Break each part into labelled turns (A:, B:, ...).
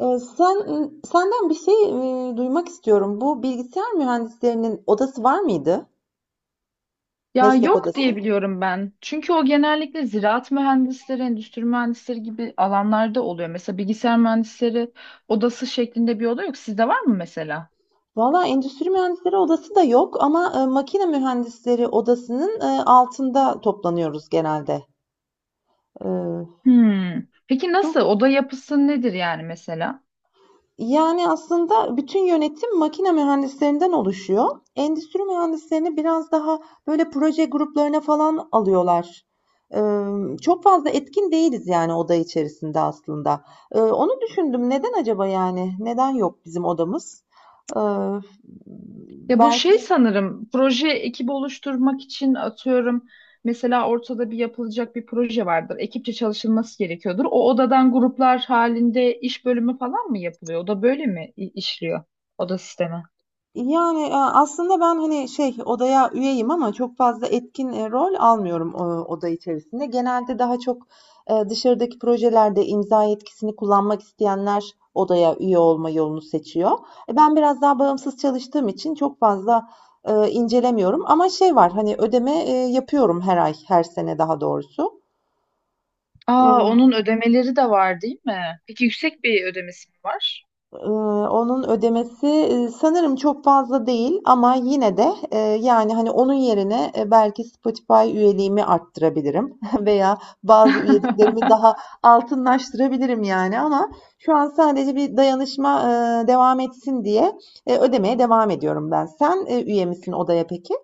A: Eee, sen senden bir şey, duymak istiyorum. Bu bilgisayar mühendislerinin odası var mıydı?
B: Ya
A: Meslek
B: yok
A: odası.
B: diye biliyorum ben. Çünkü o genellikle ziraat mühendisleri, endüstri mühendisleri gibi alanlarda oluyor. Mesela bilgisayar mühendisleri odası şeklinde bir oda yok. Sizde var mı mesela?
A: Valla endüstri mühendisleri odası da yok ama makine mühendisleri odasının altında toplanıyoruz genelde. Eee,
B: Hmm. Peki nasıl?
A: çok
B: Oda yapısı nedir yani mesela?
A: Yani, aslında bütün yönetim makine mühendislerinden oluşuyor. Endüstri mühendislerini biraz daha, böyle, proje gruplarına falan alıyorlar. Çok fazla etkin değiliz, yani, oda içerisinde aslında. Onu düşündüm. Neden acaba, yani? Neden yok bizim odamız? Eee,
B: Ya bu
A: belki
B: şey sanırım proje ekibi oluşturmak için atıyorum. Mesela ortada bir yapılacak proje vardır. Ekipçe çalışılması gerekiyordur. O odadan gruplar halinde iş bölümü falan mı yapılıyor? O da böyle mi işliyor? Oda sistemi.
A: Yani, aslında ben, hani, şey, odaya üyeyim ama çok fazla etkin, rol almıyorum, oda içerisinde. Genelde daha çok, dışarıdaki projelerde imza yetkisini kullanmak isteyenler odaya üye olma yolunu seçiyor. Ben biraz daha bağımsız çalıştığım için çok fazla, incelemiyorum ama şey var, hani, ödeme, yapıyorum her ay, her sene daha doğrusu.
B: Aa,
A: Iıı
B: onun ödemeleri de var değil mi? Peki yüksek bir ödemesi mi var?
A: Eee, Onun ödemesi, sanırım çok fazla değil ama yine de, yani, hani, onun yerine, belki Spotify üyeliğimi arttırabilirim veya bazı üyeliklerimi daha altınlaştırabilirim, yani, ama şu an sadece bir dayanışma, devam etsin diye, ödemeye devam ediyorum ben. Sen, üye misin odaya peki?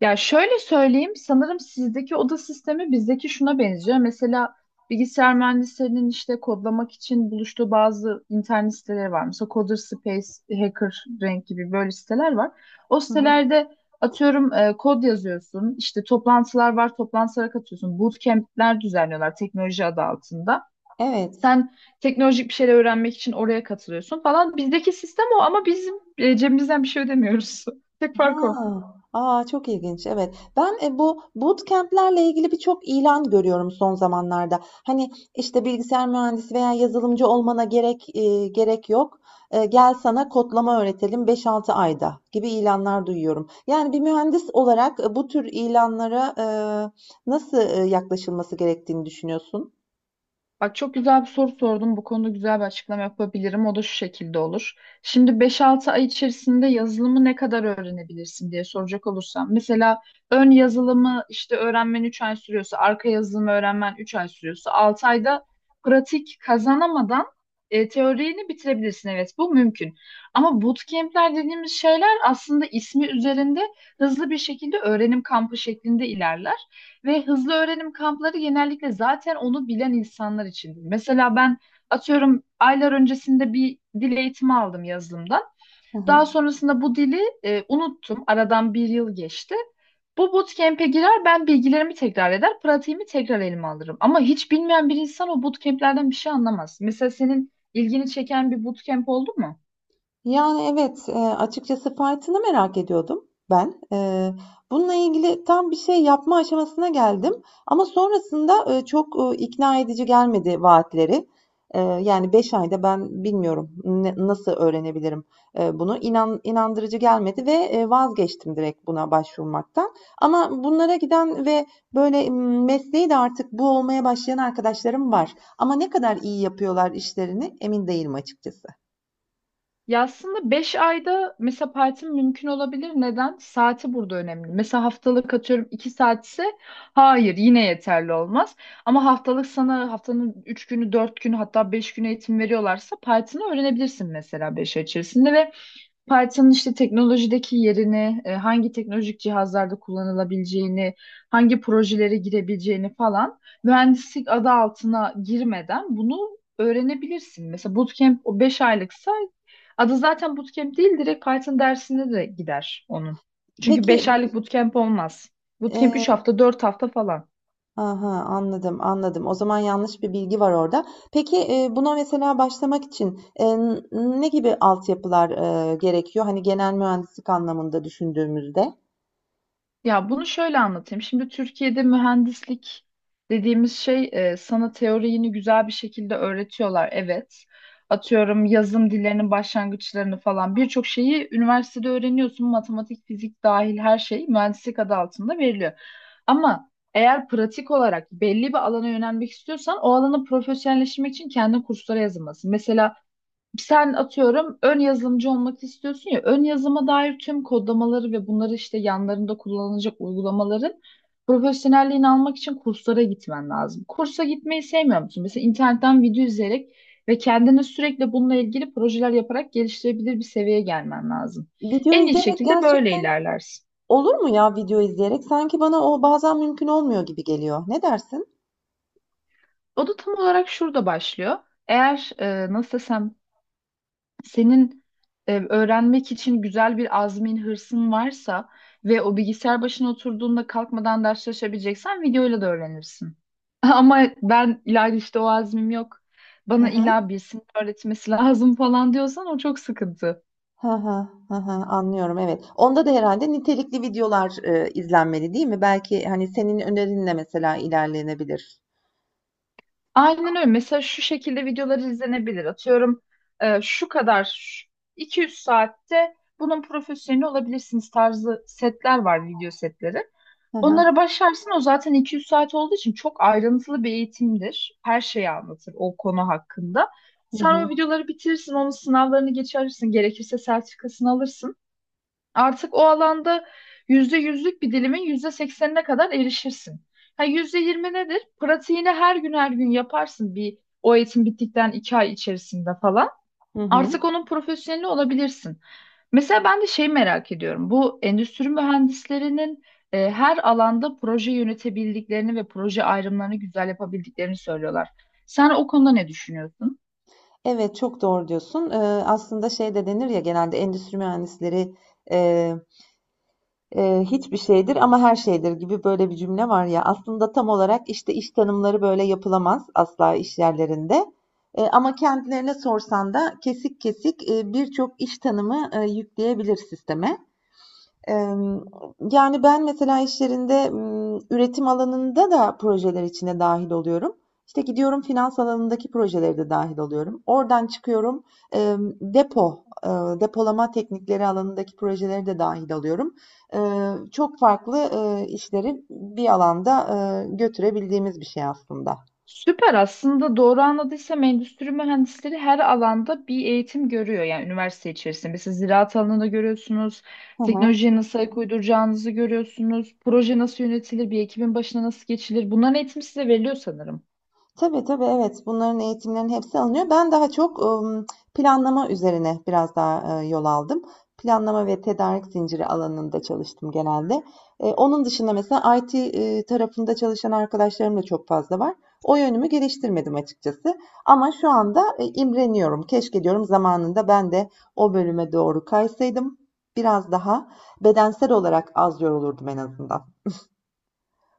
B: Ya şöyle söyleyeyim, sanırım sizdeki oda sistemi bizdeki şuna benziyor. Mesela bilgisayar mühendislerinin işte kodlamak için buluştuğu bazı internet siteleri var. Mesela Coder Space, Hacker Rank gibi böyle siteler var. O
A: Hı hı.
B: sitelerde atıyorum kod yazıyorsun, işte toplantılar var, toplantılara katıyorsun. Bootcamp'ler düzenliyorlar teknoloji adı altında.
A: Evet.
B: Sen teknolojik bir şeyler öğrenmek için oraya katılıyorsun falan. Bizdeki sistem o ama bizim cebimizden bir şey ödemiyoruz. Tek fark o.
A: Ha, a, çok ilginç. Evet. Ben bu bootcamp'lerle ilgili birçok ilan görüyorum son zamanlarda. Hani işte bilgisayar mühendisi veya yazılımcı olmana gerek yok. Gel sana kodlama öğretelim 5-6 ayda gibi ilanlar duyuyorum. Yani bir mühendis olarak bu tür ilanlara nasıl yaklaşılması gerektiğini düşünüyorsun?
B: Bak çok güzel bir soru sordun. Bu konuda güzel bir açıklama yapabilirim. O da şu şekilde olur. Şimdi beş-altı ay içerisinde yazılımı ne kadar öğrenebilirsin diye soracak olursam. Mesela ön yazılımı işte öğrenmen 3 ay sürüyorsa, arka yazılımı öğrenmen 3 ay sürüyorsa, 6 ayda pratik kazanamadan teorini bitirebilirsin. Evet bu mümkün. Ama bootcamp'ler dediğimiz şeyler aslında ismi üzerinde hızlı bir şekilde öğrenim kampı şeklinde ilerler. Ve hızlı öğrenim kampları genellikle zaten onu bilen insanlar içindir. Mesela ben atıyorum aylar öncesinde bir dil eğitimi aldım yazılımdan.
A: Hı hı.
B: Daha sonrasında bu dili unuttum. Aradan bir yıl geçti. Bu bootcamp'e girer, ben bilgilerimi tekrar eder, pratiğimi tekrar elime alırım. Ama hiç bilmeyen bir insan o bootcamp'lerden bir şey anlamaz. Mesela senin ilgini çeken bir bootcamp oldu mu?
A: Yani, evet, açıkçası fiyatını merak ediyordum ben. Bununla ilgili tam bir şey yapma aşamasına geldim ama sonrasında, çok, ikna edici gelmedi vaatleri. Yani 5 ayda ben bilmiyorum ne nasıl öğrenebilirim, bunu. İnan inandırıcı gelmedi ve, vazgeçtim direkt buna başvurmaktan. Ama bunlara giden ve böyle, mesleği de artık bu olmaya başlayan arkadaşlarım var ama ne kadar iyi yapıyorlar işlerini emin değilim açıkçası.
B: Ya aslında 5 ayda mesela partim mümkün olabilir. Neden? Saati burada önemli. Mesela haftalık atıyorum 2 saatse hayır yine yeterli olmaz. Ama haftalık sana haftanın 3 günü 4 günü hatta 5 günü eğitim veriyorlarsa partini öğrenebilirsin mesela 5 ay içerisinde ve Python'ın işte teknolojideki yerini, hangi teknolojik cihazlarda kullanılabileceğini, hangi projelere girebileceğini falan mühendislik adı altına girmeden bunu öğrenebilirsin. Mesela bootcamp o 5 aylıksa adı zaten bootcamp değil direkt Python dersine de gider onun. Çünkü
A: Peki,
B: 5 aylık bootcamp olmaz. Bootcamp 3
A: eee,
B: hafta, 4 hafta falan.
A: aha, anladım, anladım. O zaman yanlış bir bilgi var orada. Peki, buna mesela başlamak için, ne gibi altyapılar, gerekiyor? Hani genel mühendislik anlamında düşündüğümüzde?
B: Ya bunu şöyle anlatayım. Şimdi Türkiye'de mühendislik dediğimiz şey sana teoriyini güzel bir şekilde öğretiyorlar. Evet. Atıyorum yazım dillerinin başlangıçlarını falan birçok şeyi üniversitede öğreniyorsun. Matematik, fizik dahil her şey mühendislik adı altında veriliyor. Ama eğer pratik olarak belli bir alana yönelmek istiyorsan o alanı profesyonelleşmek için kendi kurslara yazılmalısın. Mesela sen atıyorum ön yazılımcı olmak istiyorsun ya ön yazıma dair tüm kodlamaları ve bunları işte yanlarında kullanılacak uygulamaların profesyonelliğini almak için kurslara gitmen lazım. Kursa gitmeyi sevmiyor musun? Mesela internetten video izleyerek ve kendini sürekli bununla ilgili projeler yaparak geliştirebilir bir seviyeye gelmen lazım.
A: Video
B: En iyi
A: izleyerek
B: şekilde böyle
A: gerçekten
B: ilerlersin.
A: olur mu ya video izleyerek? Sanki bana o bazen mümkün olmuyor gibi geliyor. Ne dersin?
B: O da tam olarak şurada başlıyor. Eğer nasıl desem senin öğrenmek için güzel bir azmin, hırsın varsa ve o bilgisayar başına oturduğunda kalkmadan ders çalışabileceksen videoyla da öğrenirsin. Ama ben İlayda işte o azmim yok.
A: Hı
B: Bana
A: hı.
B: illa birisinin öğretmesi lazım falan diyorsan o çok sıkıntı.
A: Hı hı, hı hı, anlıyorum, evet. Onda da herhalde nitelikli videolar, izlenmeli, değil mi? Belki, hani, senin önerinle mesela ilerlenebilir.
B: Aynen öyle. Mesela şu şekilde videolar izlenebilir. Atıyorum e, şu kadar şu- 200 saatte bunun profesyoneli olabilirsiniz tarzı setler var video setleri.
A: Hı hı.
B: Onlara başlarsın o zaten 200 saat olduğu için çok ayrıntılı bir eğitimdir. Her şeyi anlatır o konu hakkında.
A: Hı
B: Sen
A: hı.
B: o videoları bitirirsin, onun sınavlarını geçersin, gerekirse sertifikasını alırsın. Artık o alanda yüzde yüzlük bir dilimin yüzde seksenine kadar erişirsin. Ha, %20 nedir? Pratiğini her gün her gün yaparsın bir o eğitim bittikten 2 ay içerisinde falan.
A: Hı hı.
B: Artık onun profesyoneli olabilirsin. Mesela ben de şey merak ediyorum. Bu endüstri mühendislerinin her alanda proje yönetebildiklerini ve proje ayrımlarını güzel yapabildiklerini söylüyorlar. Sen o konuda ne düşünüyorsun?
A: Evet, çok doğru diyorsun. Aslında şey de denir ya genelde endüstri mühendisleri, hiçbir şeydir ama her şeydir gibi böyle bir cümle var ya. Aslında tam olarak işte iş tanımları böyle yapılamaz asla iş yerlerinde. Ama kendilerine sorsan da kesik kesik birçok iş tanımı yükleyebilir sisteme yani, ben mesela işlerinde üretim alanında da projeler içine dahil oluyorum. İşte, gidiyorum finans alanındaki projeleri de dahil oluyorum. Oradan çıkıyorum, depo, depolama teknikleri alanındaki projeleri de dahil alıyorum. Çok farklı işleri bir alanda götürebildiğimiz bir şey aslında.
B: Süper, aslında doğru anladıysam endüstri mühendisleri her alanda bir eğitim görüyor yani üniversite içerisinde. Mesela ziraat alanında görüyorsunuz,
A: Hı hı.
B: teknolojiye nasıl ayak uyduracağınızı görüyorsunuz, proje nasıl yönetilir, bir ekibin başına nasıl geçilir. Bunların eğitimi size veriliyor sanırım.
A: Tabii, tabii, evet. Bunların eğitimlerinin hepsi alınıyor. Ben daha çok, planlama üzerine biraz daha, yol aldım. Planlama ve tedarik zinciri alanında çalıştım genelde. Onun dışında mesela IT, tarafında çalışan arkadaşlarım da çok fazla var. O yönümü geliştirmedim açıkçası ama şu anda, imreniyorum. Keşke diyorum zamanında ben de o bölüme doğru kaysaydım. Biraz daha bedensel olarak az yorulurdum en azından.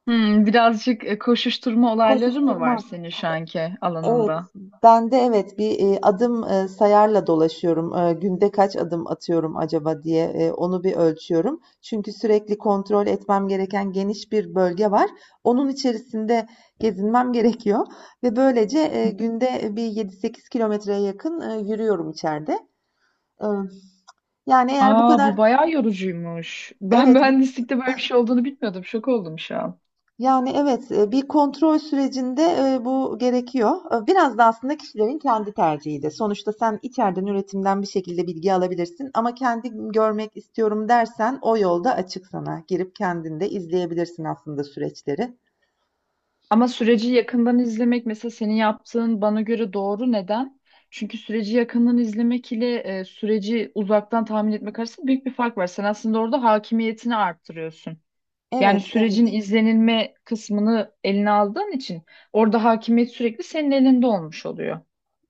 B: Hmm, birazcık koşuşturma olayları mı var
A: Koşuşturma.
B: senin şu anki
A: Evet,
B: alanında?
A: ben de evet bir adım sayarla dolaşıyorum. Günde kaç adım atıyorum acaba diye onu bir ölçüyorum. Çünkü sürekli kontrol etmem gereken geniş bir bölge var. Onun içerisinde gezinmem gerekiyor ve böylece günde bir 7-8 kilometreye yakın yürüyorum içeride. E, yani eğer bu
B: Aa
A: kadar
B: bu bayağı yorucuymuş. Ben
A: Evet.
B: mühendislikte böyle bir şey olduğunu bilmiyordum. Şok oldum şu an.
A: Yani, evet, bir kontrol sürecinde, bu gerekiyor. Biraz da aslında kişilerin kendi tercihi de. Sonuçta sen içeriden üretimden bir şekilde bilgi alabilirsin ama kendi görmek istiyorum dersen o yolda açık sana. Girip kendin de izleyebilirsin aslında süreçleri.
B: Ama süreci yakından izlemek mesela senin yaptığın bana göre doğru. Neden? Çünkü süreci yakından izlemek ile süreci uzaktan tahmin etmek arasında büyük bir fark var. Sen aslında orada hakimiyetini arttırıyorsun. Yani
A: Evet,
B: sürecin
A: evet.
B: izlenilme kısmını eline aldığın için orada hakimiyet sürekli senin elinde olmuş oluyor.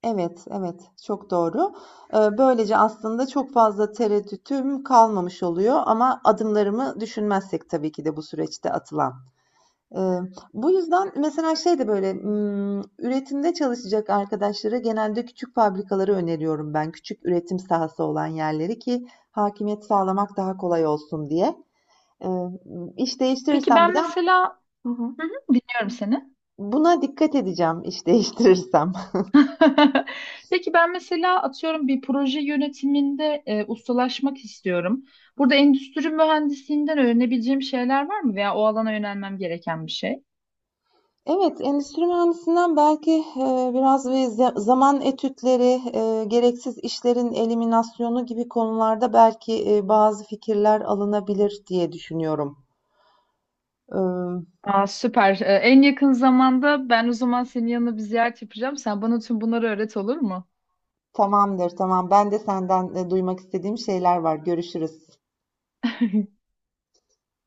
A: Evet, evet, çok doğru. Böylece aslında çok fazla tereddütüm kalmamış oluyor ama adımlarımı düşünmezsek tabii ki de bu süreçte atılan. Eee, Bu yüzden mesela şey de böyle, üretimde çalışacak arkadaşlara genelde küçük fabrikaları öneriyorum ben. Küçük üretim sahası olan yerleri ki hakimiyet sağlamak daha kolay olsun diye. Eee, iş
B: Peki
A: değiştirirsem bir
B: ben
A: de.
B: mesela.
A: Hı hı.
B: Hı hı. Dinliyorum seni.
A: Buna dikkat edeceğim iş değiştirirsem.
B: Peki ben mesela atıyorum bir proje yönetiminde ustalaşmak istiyorum. Burada endüstri mühendisliğinden öğrenebileceğim şeyler var mı veya o alana yönelmem gereken bir şey?
A: Evet, endüstri mühendisinden belki, biraz ve zaman etütleri, gereksiz işlerin eliminasyonu gibi konularda belki, bazı fikirler alınabilir diye düşünüyorum.
B: Aa, süper. E, en yakın zamanda ben o zaman senin yanına bir ziyaret yapacağım. Sen bana tüm bunları öğret, olur mu?
A: Tamamdır, tamam. Ben de senden duymak istediğim şeyler var. Görüşürüz.